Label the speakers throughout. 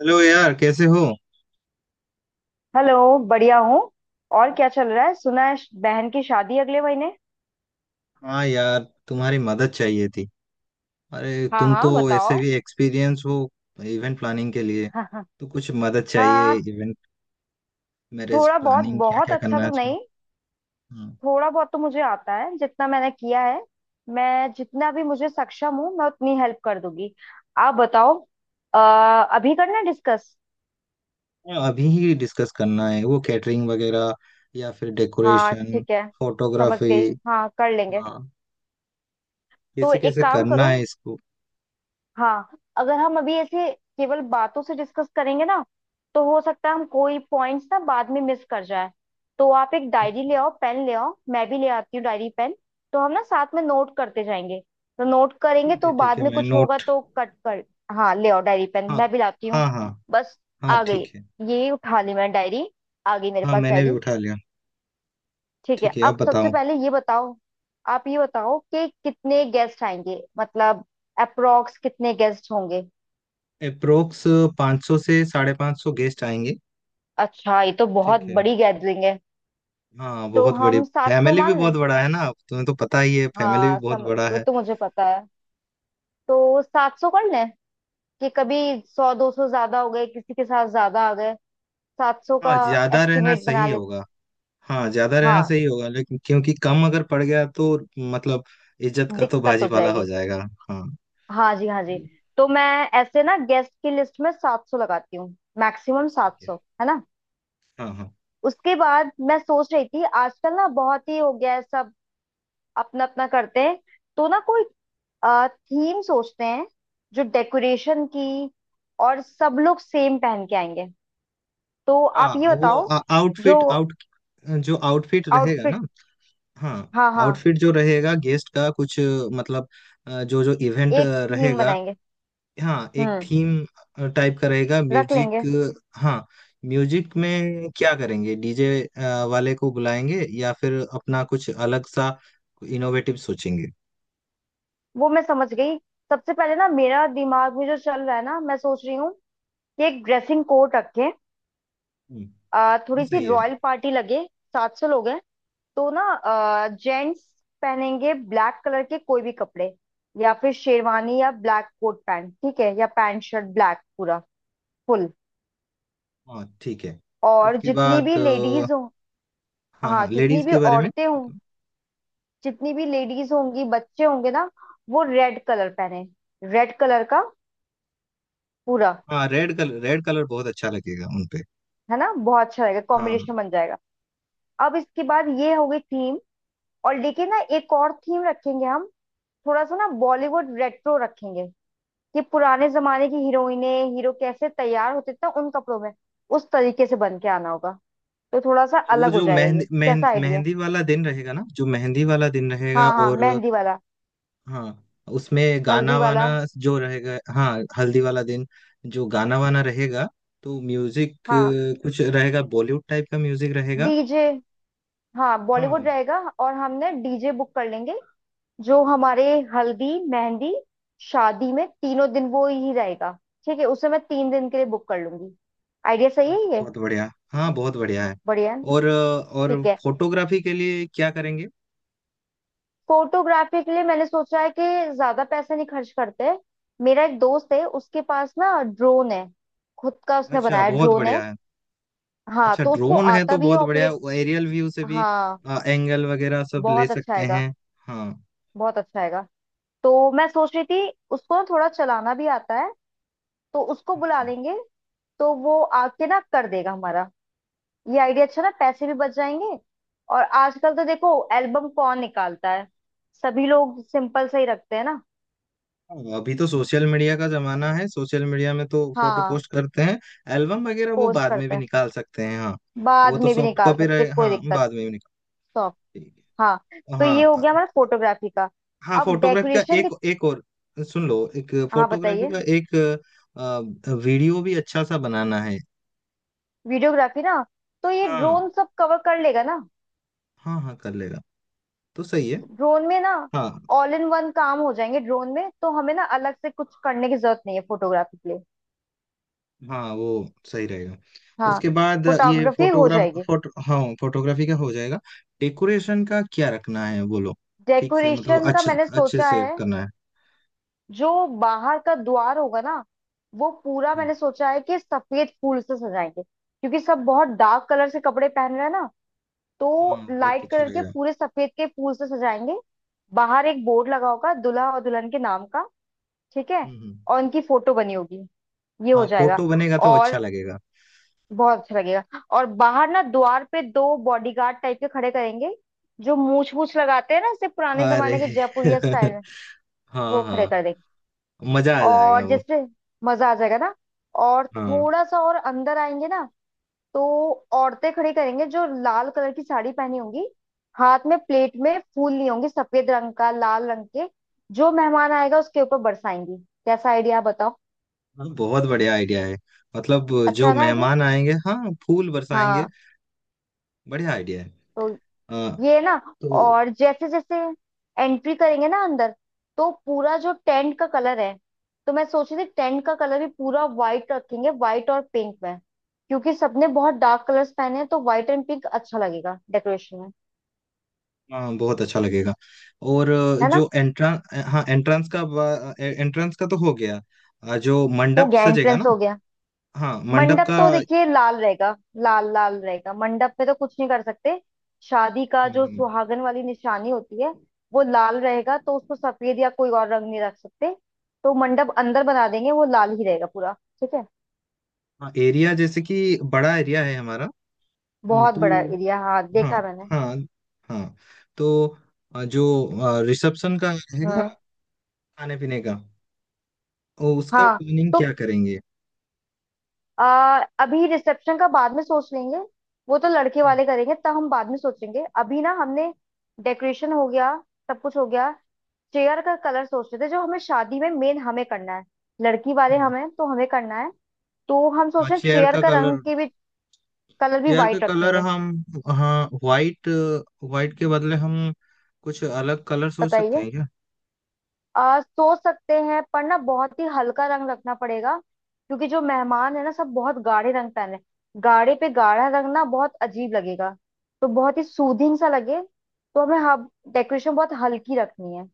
Speaker 1: Hello यार, कैसे हो?
Speaker 2: हेलो बढ़िया हूँ। और क्या चल रहा है? सुना है बहन की शादी अगले महीने।
Speaker 1: हाँ यार, तुम्हारी मदद चाहिए थी। अरे
Speaker 2: हाँ
Speaker 1: तुम तो
Speaker 2: हाँ,
Speaker 1: ऐसे
Speaker 2: बताओ।
Speaker 1: भी एक्सपीरियंस हो, इवेंट प्लानिंग के लिए।
Speaker 2: हाँ हाँ।
Speaker 1: तो कुछ मदद चाहिए,
Speaker 2: हाँ,
Speaker 1: इवेंट मैरिज
Speaker 2: थोड़ा बहुत
Speaker 1: प्लानिंग, क्या
Speaker 2: बहुत
Speaker 1: क्या
Speaker 2: अच्छा
Speaker 1: करना है
Speaker 2: तो
Speaker 1: इसमें?
Speaker 2: नहीं।
Speaker 1: हाँ।
Speaker 2: थोड़ा बहुत तो मुझे आता है जितना मैंने किया है। मैं जितना भी मुझे सक्षम हूँ मैं उतनी हेल्प कर दूंगी। आप बताओ। अभी करना डिस्कस?
Speaker 1: हाँ, अभी ही डिस्कस करना है, वो कैटरिंग वगैरह या फिर
Speaker 2: हाँ
Speaker 1: डेकोरेशन,
Speaker 2: ठीक है। समझ
Speaker 1: फोटोग्राफी।
Speaker 2: गई, हाँ कर लेंगे।
Speaker 1: हाँ।
Speaker 2: तो
Speaker 1: कैसे
Speaker 2: एक
Speaker 1: कैसे
Speaker 2: काम
Speaker 1: करना
Speaker 2: करो।
Speaker 1: है इसको?
Speaker 2: हाँ। अगर हम अभी ऐसे केवल बातों से डिस्कस करेंगे ना, तो हो सकता है हम कोई पॉइंट्स ना बाद में मिस कर जाए। तो आप एक डायरी
Speaker 1: अच्छा।
Speaker 2: ले आओ, पेन ले आओ, मैं भी ले आती हूँ डायरी पेन। तो हम ना साथ में नोट करते जाएंगे। तो नोट करेंगे
Speaker 1: ठीक है
Speaker 2: तो
Speaker 1: ठीक
Speaker 2: बाद
Speaker 1: है,
Speaker 2: में
Speaker 1: मैं
Speaker 2: कुछ होगा
Speaker 1: नोट।
Speaker 2: तो कट कर। हाँ ले आओ डायरी पेन,
Speaker 1: हाँ
Speaker 2: मैं भी लाती हूँ।
Speaker 1: हाँ। हाँ।
Speaker 2: बस।
Speaker 1: हाँ
Speaker 2: आ गई।
Speaker 1: ठीक है।
Speaker 2: ये उठा ली मैंने डायरी। आ गई मेरे
Speaker 1: हाँ
Speaker 2: पास
Speaker 1: मैंने भी
Speaker 2: डायरी।
Speaker 1: उठा लिया।
Speaker 2: ठीक है,
Speaker 1: ठीक है अब
Speaker 2: अब सबसे
Speaker 1: बताओ।
Speaker 2: पहले ये बताओ। आप ये बताओ कि कितने गेस्ट आएंगे, मतलब अप्रोक्स कितने गेस्ट होंगे?
Speaker 1: अप्रोक्स 500 से साढ़े पाँच सौ गेस्ट आएंगे।
Speaker 2: अच्छा ये तो बहुत
Speaker 1: ठीक है।
Speaker 2: बड़ी गैदरिंग है।
Speaker 1: हाँ
Speaker 2: तो
Speaker 1: बहुत बड़ी।
Speaker 2: हम 700
Speaker 1: फैमिली भी
Speaker 2: मान
Speaker 1: बहुत
Speaker 2: लें।
Speaker 1: बड़ा है ना, तुम्हें तो पता ही है, फैमिली भी
Speaker 2: हाँ
Speaker 1: बहुत
Speaker 2: सम
Speaker 1: बड़ा
Speaker 2: वो
Speaker 1: है।
Speaker 2: तो मुझे पता है। तो 700 कर लें, कि कभी 100-200 ज्यादा हो गए, किसी के साथ ज्यादा आ गए, 700
Speaker 1: हाँ
Speaker 2: का
Speaker 1: ज्यादा रहना
Speaker 2: एस्टिमेट बना
Speaker 1: सही
Speaker 2: ले।
Speaker 1: होगा। हाँ ज्यादा रहना
Speaker 2: हाँ
Speaker 1: सही होगा, लेकिन क्योंकि कम अगर पड़ गया तो मतलब इज्जत का तो
Speaker 2: दिक्कत हो
Speaker 1: भाजीपाला हो
Speaker 2: जाएगी।
Speaker 1: जाएगा। हाँ।
Speaker 2: हाँ जी हाँ जी।
Speaker 1: ये
Speaker 2: तो मैं ऐसे ना गेस्ट की लिस्ट में 700 लगाती हूँ, मैक्सिमम सात
Speaker 1: ठीक है।
Speaker 2: सौ है ना?
Speaker 1: हाँ हाँ।
Speaker 2: उसके बाद मैं सोच रही थी, आजकल ना बहुत ही हो गया है, सब अपना अपना करते हैं। तो ना कोई थीम सोचते हैं जो डेकोरेशन की, और सब लोग सेम पहन के आएंगे। तो आप
Speaker 1: हाँ
Speaker 2: ये
Speaker 1: वो
Speaker 2: बताओ। जो
Speaker 1: आउटफिट आउट, जो आउटफिट रहेगा
Speaker 2: आउटफिट।
Speaker 1: ना। हाँ।
Speaker 2: हाँ हाँ,
Speaker 1: आउटफिट जो रहेगा गेस्ट का, कुछ मतलब जो जो इवेंट
Speaker 2: एक थीम
Speaker 1: रहेगा।
Speaker 2: बनाएंगे।
Speaker 1: हाँ एक
Speaker 2: हम्म।
Speaker 1: थीम टाइप का रहेगा,
Speaker 2: रख
Speaker 1: म्यूजिक।
Speaker 2: लेंगे।
Speaker 1: हाँ। म्यूजिक में क्या करेंगे? डीजे वाले को बुलाएंगे, या फिर अपना कुछ अलग सा इनोवेटिव सोचेंगे।
Speaker 2: वो मैं समझ गई। सबसे पहले ना मेरा दिमाग में जो चल रहा है ना, मैं सोच रही हूँ कि एक ड्रेसिंग कोड रखें।
Speaker 1: हम्म, वो
Speaker 2: थोड़ी सी
Speaker 1: सही है।
Speaker 2: रॉयल पार्टी लगे। सात सौ लोग हैं तो ना जेंट्स पहनेंगे ब्लैक कलर के कोई भी कपड़े। या फिर शेरवानी या ब्लैक कोट पैंट ठीक है, या पैंट शर्ट ब्लैक पूरा फुल।
Speaker 1: हाँ ठीक है।
Speaker 2: और
Speaker 1: उसके
Speaker 2: जितनी
Speaker 1: बाद
Speaker 2: भी लेडीज हो।
Speaker 1: हाँ
Speaker 2: हाँ
Speaker 1: हाँ,
Speaker 2: जितनी
Speaker 1: लेडीज
Speaker 2: भी
Speaker 1: के बारे में।
Speaker 2: औरतें हों, जितनी भी लेडीज होंगी बच्चे होंगे ना, वो रेड कलर पहने। रेड कलर का पूरा।
Speaker 1: हाँ रेड कलर, रेड कलर बहुत अच्छा लगेगा उनपे।
Speaker 2: है ना? बहुत अच्छा रहेगा,
Speaker 1: हाँ
Speaker 2: कॉम्बिनेशन बन जाएगा। अब इसके बाद ये हो गई थीम। और लेकिन ना एक और थीम रखेंगे हम, थोड़ा सा ना बॉलीवुड रेट्रो रखेंगे। कि पुराने जमाने की हीरोइने हीरो कैसे तैयार होते थे उन कपड़ों में, उस तरीके से बन के आना होगा। तो थोड़ा सा
Speaker 1: तो वो
Speaker 2: अलग हो
Speaker 1: जो
Speaker 2: जाएगा। ये
Speaker 1: मेहंदी
Speaker 2: कैसा
Speaker 1: मेहंदी
Speaker 2: आइडिया है?
Speaker 1: मेहंदी वाला दिन रहेगा ना, जो मेहंदी वाला दिन रहेगा,
Speaker 2: हाँ हाँ,
Speaker 1: और
Speaker 2: मेहंदी वाला।
Speaker 1: हाँ उसमें गाना
Speaker 2: हल्दी
Speaker 1: वाना
Speaker 2: वाला।
Speaker 1: जो रहेगा। हाँ हल्दी वाला दिन, जो गाना वाना रहेगा, तो म्यूजिक
Speaker 2: हाँ।
Speaker 1: कुछ रहेगा, बॉलीवुड टाइप का म्यूजिक रहेगा।
Speaker 2: डीजे। हाँ बॉलीवुड
Speaker 1: हाँ
Speaker 2: रहेगा, और हमने डीजे बुक कर लेंगे। जो हमारे हल्दी मेहंदी शादी में तीनों दिन वो ही रहेगा। ठीक है, उसे मैं 3 दिन के लिए बुक कर लूंगी। आइडिया सही है ये।
Speaker 1: बहुत बढ़िया, हाँ बहुत बढ़िया है।
Speaker 2: बढ़िया है।
Speaker 1: और और
Speaker 2: ठीक है।
Speaker 1: फोटोग्राफी के लिए क्या करेंगे?
Speaker 2: फोटोग्राफी के लिए मैंने सोचा है कि ज्यादा पैसे नहीं खर्च करते। मेरा एक दोस्त है, उसके पास ना ड्रोन है, खुद का उसने
Speaker 1: अच्छा,
Speaker 2: बनाया
Speaker 1: बहुत
Speaker 2: ड्रोन है।
Speaker 1: बढ़िया है।
Speaker 2: हाँ
Speaker 1: अच्छा,
Speaker 2: तो उसको
Speaker 1: ड्रोन है
Speaker 2: आता
Speaker 1: तो
Speaker 2: भी है
Speaker 1: बहुत बढ़िया।
Speaker 2: ऑपरेट।
Speaker 1: एरियल व्यू से भी
Speaker 2: हाँ
Speaker 1: एंगल वगैरह सब ले
Speaker 2: बहुत अच्छा
Speaker 1: सकते
Speaker 2: आएगा।
Speaker 1: हैं। हाँ।
Speaker 2: बहुत अच्छा आएगा। तो मैं सोच रही थी, उसको ना थोड़ा चलाना भी आता है, तो उसको बुला
Speaker 1: अच्छा।
Speaker 2: लेंगे। तो वो आके ना कर देगा हमारा। ये आइडिया अच्छा ना, पैसे भी बच जाएंगे। और आजकल तो देखो एल्बम कौन निकालता है, सभी लोग सिंपल से ही रखते हैं ना।
Speaker 1: हाँ, अभी तो सोशल मीडिया का जमाना है, सोशल मीडिया में तो फोटो
Speaker 2: हाँ
Speaker 1: पोस्ट करते हैं। एल्बम वगैरह वो
Speaker 2: पोस्ट
Speaker 1: बाद में
Speaker 2: करते
Speaker 1: भी
Speaker 2: हैं,
Speaker 1: निकाल सकते हैं, हाँ।
Speaker 2: बाद
Speaker 1: वो तो
Speaker 2: में भी
Speaker 1: सॉफ्ट
Speaker 2: निकाल
Speaker 1: कॉपी
Speaker 2: सकते,
Speaker 1: रहे,
Speaker 2: कोई
Speaker 1: हाँ
Speaker 2: दिक्कत।
Speaker 1: बाद में भी निकाल।
Speaker 2: सॉफ्ट।
Speaker 1: ठीक
Speaker 2: हाँ।
Speaker 1: है।
Speaker 2: तो ये
Speaker 1: हाँ।
Speaker 2: हो गया हमारा फोटोग्राफी का।
Speaker 1: हाँ
Speaker 2: अब
Speaker 1: फोटोग्राफी का
Speaker 2: डेकोरेशन
Speaker 1: एक
Speaker 2: की।
Speaker 1: एक और सुन लो, एक
Speaker 2: हाँ
Speaker 1: फोटोग्राफी
Speaker 2: बताइए।
Speaker 1: का एक वीडियो भी अच्छा सा बनाना है।
Speaker 2: वीडियोग्राफी ना, तो ये
Speaker 1: हाँ।
Speaker 2: ड्रोन सब कवर कर लेगा ना।
Speaker 1: हाँ हाँ कर लेगा, तो सही है।
Speaker 2: ड्रोन में ना
Speaker 1: हाँ।
Speaker 2: ऑल इन वन काम हो जाएंगे। ड्रोन में तो हमें ना अलग से कुछ करने की जरूरत नहीं है फोटोग्राफी के लिए।
Speaker 1: हाँ वो सही रहेगा।
Speaker 2: हाँ।
Speaker 1: उसके बाद ये
Speaker 2: फोटोग्राफी हो
Speaker 1: फोटोग्राफ
Speaker 2: जाएगी।
Speaker 1: फोटो हाँ फोटोग्राफी का हो जाएगा। डेकोरेशन का क्या रखना है बोलो? ठीक से, मतलब
Speaker 2: डेकोरेशन का
Speaker 1: अच्छे
Speaker 2: मैंने
Speaker 1: अच्छे
Speaker 2: सोचा
Speaker 1: से
Speaker 2: है,
Speaker 1: करना है।
Speaker 2: जो बाहर का द्वार होगा ना वो पूरा,
Speaker 1: हाँ।
Speaker 2: मैंने सोचा है कि सफेद फूल से सजाएंगे, क्योंकि सब बहुत डार्क कलर से कपड़े पहन रहे हैं ना।
Speaker 1: हाँ
Speaker 2: तो
Speaker 1: बहुत
Speaker 2: लाइट
Speaker 1: अच्छा
Speaker 2: कलर के
Speaker 1: लगेगा।
Speaker 2: पूरे सफेद के फूल से सजाएंगे। बाहर एक बोर्ड लगा होगा दूल्हा और दुल्हन के नाम का। ठीक है।
Speaker 1: हम्म हम्म।
Speaker 2: और उनकी फोटो बनी होगी। ये
Speaker 1: हाँ
Speaker 2: हो जाएगा।
Speaker 1: फोटो बनेगा तो अच्छा
Speaker 2: और
Speaker 1: लगेगा।
Speaker 2: बहुत अच्छा लगेगा। और बाहर ना द्वार पे दो बॉडीगार्ड टाइप के खड़े करेंगे, जो मूछ मूछ लगाते हैं ना, जैसे पुराने
Speaker 1: अरे
Speaker 2: जमाने के जयपुरिया स्टाइल में।
Speaker 1: हाँ
Speaker 2: वो खड़े
Speaker 1: हाँ।
Speaker 2: कर देंगे।
Speaker 1: मजा आ जाएगा
Speaker 2: और
Speaker 1: वो।
Speaker 2: जैसे मजा आ जाएगा ना। और
Speaker 1: हाँ।
Speaker 2: थोड़ा सा और अंदर आएंगे ना, तो औरतें खड़ी करेंगे जो लाल कलर की साड़ी पहनी होंगी, हाथ में प्लेट में फूल ली होंगी सफेद रंग का लाल रंग के। जो मेहमान आएगा उसके ऊपर बरसाएंगी। कैसा आइडिया बताओ?
Speaker 1: हाँ, बहुत बढ़िया आइडिया है, मतलब
Speaker 2: अच्छा
Speaker 1: जो
Speaker 2: है ना आइडिया?
Speaker 1: मेहमान आएंगे, हाँ फूल बरसाएंगे।
Speaker 2: हाँ।
Speaker 1: बढ़िया आइडिया है।
Speaker 2: तो
Speaker 1: हाँ।
Speaker 2: ये ना,
Speaker 1: तो
Speaker 2: और जैसे जैसे एंट्री करेंगे ना अंदर, तो पूरा जो टेंट का कलर है, तो मैं सोच रही थी टेंट का कलर भी पूरा व्हाइट रखेंगे, व्हाइट और पिंक में। क्योंकि सबने बहुत डार्क कलर्स पहने हैं, तो व्हाइट एंड पिंक अच्छा लगेगा डेकोरेशन में।
Speaker 1: हाँ बहुत अच्छा लगेगा। और
Speaker 2: है ना?
Speaker 1: जो एंट्रेंस, हाँ एंट्रेंस का, एंट्रेंस का तो हो गया। जो
Speaker 2: हो
Speaker 1: मंडप
Speaker 2: गया,
Speaker 1: सजेगा ना।
Speaker 2: एंट्रेंस हो गया।
Speaker 1: हाँ मंडप
Speaker 2: मंडप
Speaker 1: का।
Speaker 2: तो देखिए लाल रहेगा। लाल लाल रहेगा मंडप पे, तो कुछ नहीं कर सकते। शादी का
Speaker 1: हम्म,
Speaker 2: जो
Speaker 1: हम्म,
Speaker 2: सुहागन वाली निशानी होती है वो लाल रहेगा, तो उसको सफेद या कोई और रंग नहीं रख सकते। तो मंडप अंदर बना देंगे, वो लाल ही रहेगा पूरा। ठीक है।
Speaker 1: हाँ एरिया जैसे कि बड़ा एरिया है हमारा।
Speaker 2: बहुत बड़ा
Speaker 1: तो
Speaker 2: एरिया, हाँ
Speaker 1: हाँ,
Speaker 2: देखा मैंने।
Speaker 1: हाँ, हाँ। तो जो रिसेप्शन का है ना,
Speaker 2: हम्म।
Speaker 1: खाने पीने का, ओ, उसका
Speaker 2: हाँ।
Speaker 1: प्लानिंग
Speaker 2: तो
Speaker 1: क्या करेंगे?
Speaker 2: अभी रिसेप्शन का बाद में सोच लेंगे। वो तो लड़के
Speaker 1: हम्म,
Speaker 2: वाले करेंगे, तब हम बाद में सोचेंगे। अभी ना हमने डेकोरेशन हो गया, सब कुछ हो गया। चेयर का कलर सोच रहे थे, जो हमें शादी में मेन हमें करना है, लड़की वाले
Speaker 1: हम्म,
Speaker 2: हमें, तो हमें करना है। तो हम
Speaker 1: हाँ
Speaker 2: सोच रहे हैं
Speaker 1: चेयर
Speaker 2: चेयर
Speaker 1: का
Speaker 2: का रंग
Speaker 1: कलर,
Speaker 2: की भी कलर भी
Speaker 1: चेयर का
Speaker 2: वाइट
Speaker 1: कलर
Speaker 2: रखेंगे।
Speaker 1: हम, हाँ वाइट, वाइट के बदले हम कुछ अलग कलर सोच सकते
Speaker 2: बताइए।
Speaker 1: हैं क्या?
Speaker 2: आ सोच सकते हैं, पर ना बहुत ही हल्का रंग रखना पड़ेगा क्योंकि जो मेहमान है ना सब बहुत गाढ़े रंग पहने। गाढ़े पे गाढ़ा रंग ना बहुत अजीब लगेगा, तो बहुत ही सूदिंग सा लगे। तो हमें हाँ डेकोरेशन बहुत हल्की रखनी है।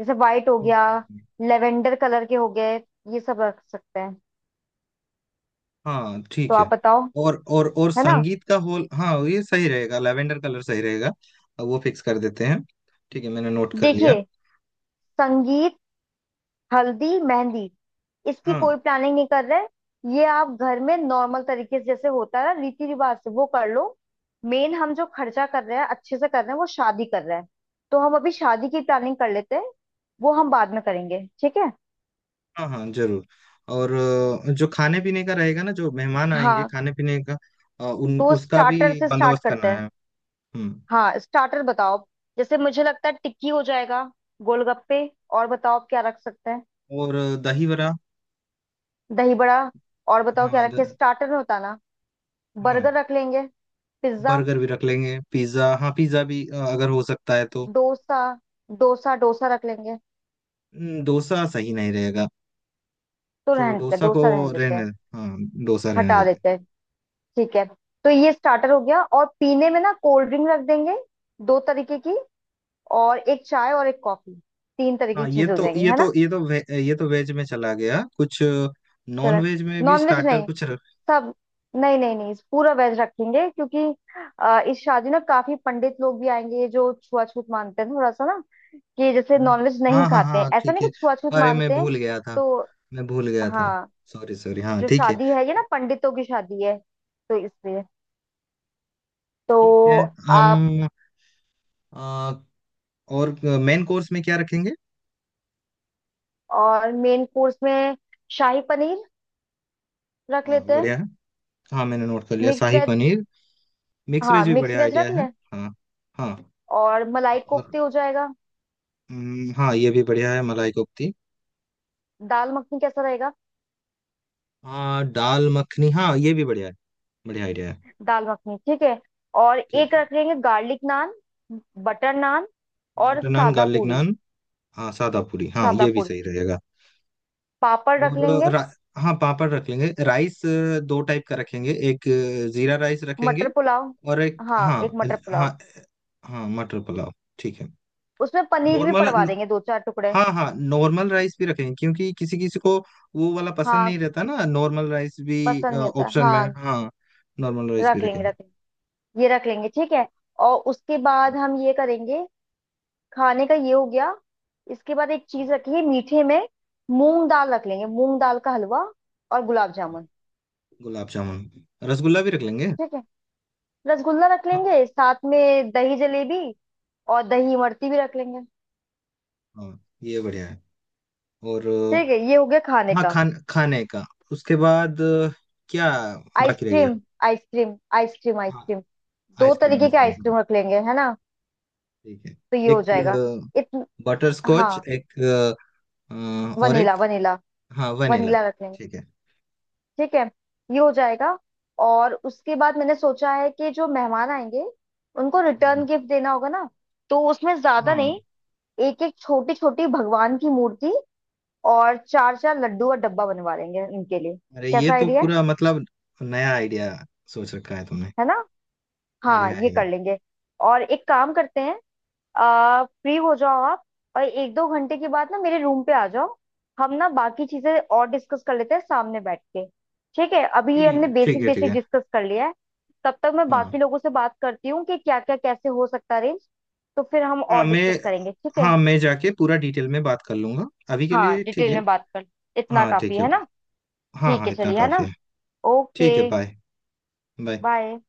Speaker 2: जैसे वाइट हो गया,
Speaker 1: हम्म।
Speaker 2: लेवेंडर कलर के हो गए, ये सब रख सकते हैं।
Speaker 1: हाँ
Speaker 2: तो
Speaker 1: ठीक
Speaker 2: आप
Speaker 1: है।
Speaker 2: बताओ।
Speaker 1: और और
Speaker 2: है ना?
Speaker 1: संगीत का होल, हाँ ये सही रहेगा, लेवेंडर कलर सही रहेगा। अब वो फिक्स कर देते हैं। ठीक है, मैंने नोट कर लिया।
Speaker 2: देखिए, संगीत हल्दी मेहंदी इसकी
Speaker 1: हाँ
Speaker 2: कोई प्लानिंग नहीं कर रहे। ये आप घर में नॉर्मल तरीके से जैसे होता है ना रीति रिवाज से वो कर लो। मेन हम जो खर्चा कर रहे हैं अच्छे से कर रहे हैं, वो शादी कर रहे हैं। तो हम अभी शादी की प्लानिंग कर लेते हैं, वो हम बाद में करेंगे, ठीक है।
Speaker 1: हाँ। हाँ जरूर। और जो खाने पीने का रहेगा ना, जो मेहमान आएंगे
Speaker 2: हाँ।
Speaker 1: खाने पीने का, अ, उन
Speaker 2: तो
Speaker 1: उसका भी
Speaker 2: स्टार्टर से स्टार्ट
Speaker 1: बंदोबस्त
Speaker 2: करते
Speaker 1: करना
Speaker 2: हैं।
Speaker 1: है। हम्म।
Speaker 2: हाँ स्टार्टर बताओ। जैसे मुझे लगता है टिक्की हो जाएगा, गोलगप्पे। और बताओ आप क्या रख सकते हैं?
Speaker 1: और दही वड़ा।
Speaker 2: दही बड़ा। और बताओ क्या
Speaker 1: हाँ
Speaker 2: रखे,
Speaker 1: द,
Speaker 2: स्टार्टर में होता ना।
Speaker 1: हाँ
Speaker 2: बर्गर रख लेंगे, पिज्जा।
Speaker 1: बर्गर भी रख लेंगे, पिज्जा, हाँ पिज्जा भी, अगर हो सकता है तो।
Speaker 2: डोसा। डोसा डोसा रख लेंगे।
Speaker 1: डोसा सही नहीं रहेगा,
Speaker 2: तो
Speaker 1: तो
Speaker 2: रहने देते हैं,
Speaker 1: डोसा को
Speaker 2: डोसा रहने देते
Speaker 1: रहने,
Speaker 2: हैं।
Speaker 1: हाँ डोसा रहने
Speaker 2: हटा
Speaker 1: देते।
Speaker 2: देते हैं। ठीक है। तो ये स्टार्टर हो गया, और पीने में ना कोल्ड ड्रिंक रख देंगे, दो तरीके की। और एक चाय और एक कॉफी, तीन तरीके
Speaker 1: हाँ
Speaker 2: की
Speaker 1: ये
Speaker 2: चीजें हो
Speaker 1: तो
Speaker 2: जाएंगी। है ना?
Speaker 1: ये तो वेज में चला गया कुछ, नॉन
Speaker 2: चलो।
Speaker 1: वेज में भी
Speaker 2: नॉनवेज
Speaker 1: स्टार्टर
Speaker 2: नहीं।
Speaker 1: कुछ रख।
Speaker 2: सब। नहीं नहीं नहीं, पूरा वेज रखेंगे क्योंकि इस शादी ना काफी पंडित लोग भी आएंगे जो छुआछूत मानते हैं थोड़ा सा ना। कि जैसे
Speaker 1: हाँ
Speaker 2: नॉनवेज नहीं
Speaker 1: हाँ। हाँ,
Speaker 2: खाते हैं,
Speaker 1: हाँ,
Speaker 2: ऐसा
Speaker 1: ठीक
Speaker 2: नहीं
Speaker 1: है।
Speaker 2: कि छुआछूत
Speaker 1: अरे
Speaker 2: मानते हैं। तो।
Speaker 1: मैं भूल गया था।
Speaker 2: हाँ।
Speaker 1: सॉरी सॉरी, हाँ
Speaker 2: जो
Speaker 1: ठीक है।
Speaker 2: शादी है ये ना, पंडितों की शादी है, तो इसलिए। तो
Speaker 1: ठीक है। हम
Speaker 2: आप।
Speaker 1: अ, और मेन कोर्स में क्या रखेंगे?
Speaker 2: और मेन कोर्स में शाही पनीर रख
Speaker 1: हाँ
Speaker 2: लेते हैं।
Speaker 1: बढ़िया है। हाँ मैंने नोट कर लिया,
Speaker 2: mix
Speaker 1: shahi
Speaker 2: veg.
Speaker 1: Paneer. Mix
Speaker 2: हाँ
Speaker 1: वेज भी
Speaker 2: मिक्स
Speaker 1: बढ़िया
Speaker 2: वेज
Speaker 1: आइडिया
Speaker 2: रख
Speaker 1: है।
Speaker 2: लें।
Speaker 1: हाँ हाँ।
Speaker 2: और मलाई
Speaker 1: और
Speaker 2: कोफ्ते हो जाएगा।
Speaker 1: हाँ ये भी बढ़िया है, मलाई कोफ्ती।
Speaker 2: दाल मखनी कैसा रहेगा?
Speaker 1: हाँ दाल मखनी, हाँ ये भी बढ़िया है, बढ़िया आइडिया है।
Speaker 2: दाल मखनी ठीक है। और एक
Speaker 1: ठीक है,
Speaker 2: रख लेंगे गार्लिक नान, बटर नान, और
Speaker 1: बटर नान,
Speaker 2: सादा
Speaker 1: गार्लिक
Speaker 2: पूरी।
Speaker 1: नान, हाँ सादा पूरी, हाँ
Speaker 2: सादा
Speaker 1: ये भी
Speaker 2: पूरी
Speaker 1: सही रहेगा।
Speaker 2: पापड़ रख
Speaker 1: और
Speaker 2: लेंगे।
Speaker 1: हाँ पापड़ रख लेंगे। राइस दो टाइप का रखेंगे, एक जीरा राइस रखेंगे,
Speaker 2: मटर पुलाव,
Speaker 1: और एक
Speaker 2: हाँ
Speaker 1: हाँ
Speaker 2: एक मटर पुलाव।
Speaker 1: हाँ हाँ मटर पुलाव। ठीक है।
Speaker 2: उसमें पनीर भी
Speaker 1: नॉर्मल,
Speaker 2: पड़वा देंगे दो चार टुकड़े।
Speaker 1: हाँ हाँ नॉर्मल राइस भी रखेंगे, क्योंकि किसी किसी को वो वाला पसंद
Speaker 2: हाँ
Speaker 1: नहीं रहता ना, नॉर्मल राइस भी
Speaker 2: पसंद नहीं होता,
Speaker 1: ऑप्शन में,
Speaker 2: हाँ।
Speaker 1: हाँ नॉर्मल राइस भी
Speaker 2: रख लेंगे
Speaker 1: रखेंगे।
Speaker 2: रख, ये रख लेंगे, ठीक है। और उसके बाद हम ये करेंगे। खाने का ये हो गया। इसके बाद एक चीज रखिए मीठे में, मूंग दाल रख लेंगे, मूंग दाल का हलवा और गुलाब जामुन।
Speaker 1: गुलाब जामुन, रसगुल्ला भी रख लेंगे।
Speaker 2: ठीक है। रसगुल्ला रख लेंगे,
Speaker 1: हाँ
Speaker 2: साथ में दही जलेबी, और दही इमरती भी रख लेंगे।
Speaker 1: हाँ ये बढ़िया है। और
Speaker 2: ठीक है, ये हो गया खाने
Speaker 1: हाँ
Speaker 2: का।
Speaker 1: खाने का। उसके बाद क्या बाकी रह गया?
Speaker 2: आइसक्रीम आइसक्रीम आइसक्रीम
Speaker 1: हाँ
Speaker 2: आइसक्रीम। दो
Speaker 1: आइसक्रीम,
Speaker 2: तरीके के
Speaker 1: आइसक्रीम, हाँ,
Speaker 2: आइसक्रीम रख लेंगे, है ना?
Speaker 1: ठीक है।
Speaker 2: तो ये हो
Speaker 1: एक
Speaker 2: जाएगा। इतन।
Speaker 1: बटर स्कॉच,
Speaker 2: हाँ
Speaker 1: एक और एक
Speaker 2: वनीला, वनीला।
Speaker 1: हाँ वनीला।
Speaker 2: वनीला रख लेंगे।
Speaker 1: ठीक है।
Speaker 2: ठीक है। ये हो जाएगा। और उसके बाद मैंने सोचा है कि जो मेहमान आएंगे उनको रिटर्न
Speaker 1: हम्म,
Speaker 2: गिफ्ट देना होगा ना, तो उसमें ज्यादा
Speaker 1: हाँ।
Speaker 2: नहीं। एक एक छोटी छोटी भगवान की मूर्ति और चार चार लड्डू और डब्बा बनवा लेंगे उनके लिए।
Speaker 1: अरे ये
Speaker 2: कैसा
Speaker 1: तो
Speaker 2: आइडिया है?
Speaker 1: पूरा मतलब, नया आइडिया सोच रखा है तुमने।
Speaker 2: है ना? हाँ
Speaker 1: बढ़िया
Speaker 2: ये
Speaker 1: है
Speaker 2: कर
Speaker 1: ये।
Speaker 2: लेंगे। और एक काम करते हैं, फ्री हो जाओ आप, और एक दो घंटे के बाद ना मेरे रूम पे आ जाओ। हम ना बाकी चीजें और डिस्कस कर लेते हैं सामने बैठ के। ठीक है, अभी ये हमने
Speaker 1: ठीक, ठीक
Speaker 2: बेसिक
Speaker 1: है ठीक
Speaker 2: बेसिक
Speaker 1: है।
Speaker 2: डिस्कस कर लिया है। तब तक मैं
Speaker 1: हाँ
Speaker 2: बाकी लोगों से बात करती हूँ कि क्या क्या कैसे हो सकता है अरेंज। तो फिर हम
Speaker 1: हाँ।
Speaker 2: और
Speaker 1: मैं
Speaker 2: डिस्कस करेंगे, ठीक है?
Speaker 1: हाँ मैं जाके पूरा डिटेल में बात कर लूंगा, अभी के
Speaker 2: हाँ
Speaker 1: लिए ठीक
Speaker 2: डिटेल
Speaker 1: है।
Speaker 2: में बात कर, इतना
Speaker 1: हाँ
Speaker 2: काफी
Speaker 1: ठीक है,
Speaker 2: है ना?
Speaker 1: हाँ
Speaker 2: ठीक
Speaker 1: हाँ
Speaker 2: है,
Speaker 1: इतना
Speaker 2: चलिए, है
Speaker 1: काफी
Speaker 2: ना?
Speaker 1: है।
Speaker 2: ओके।
Speaker 1: ठीक है बाय। बाय।
Speaker 2: बाय।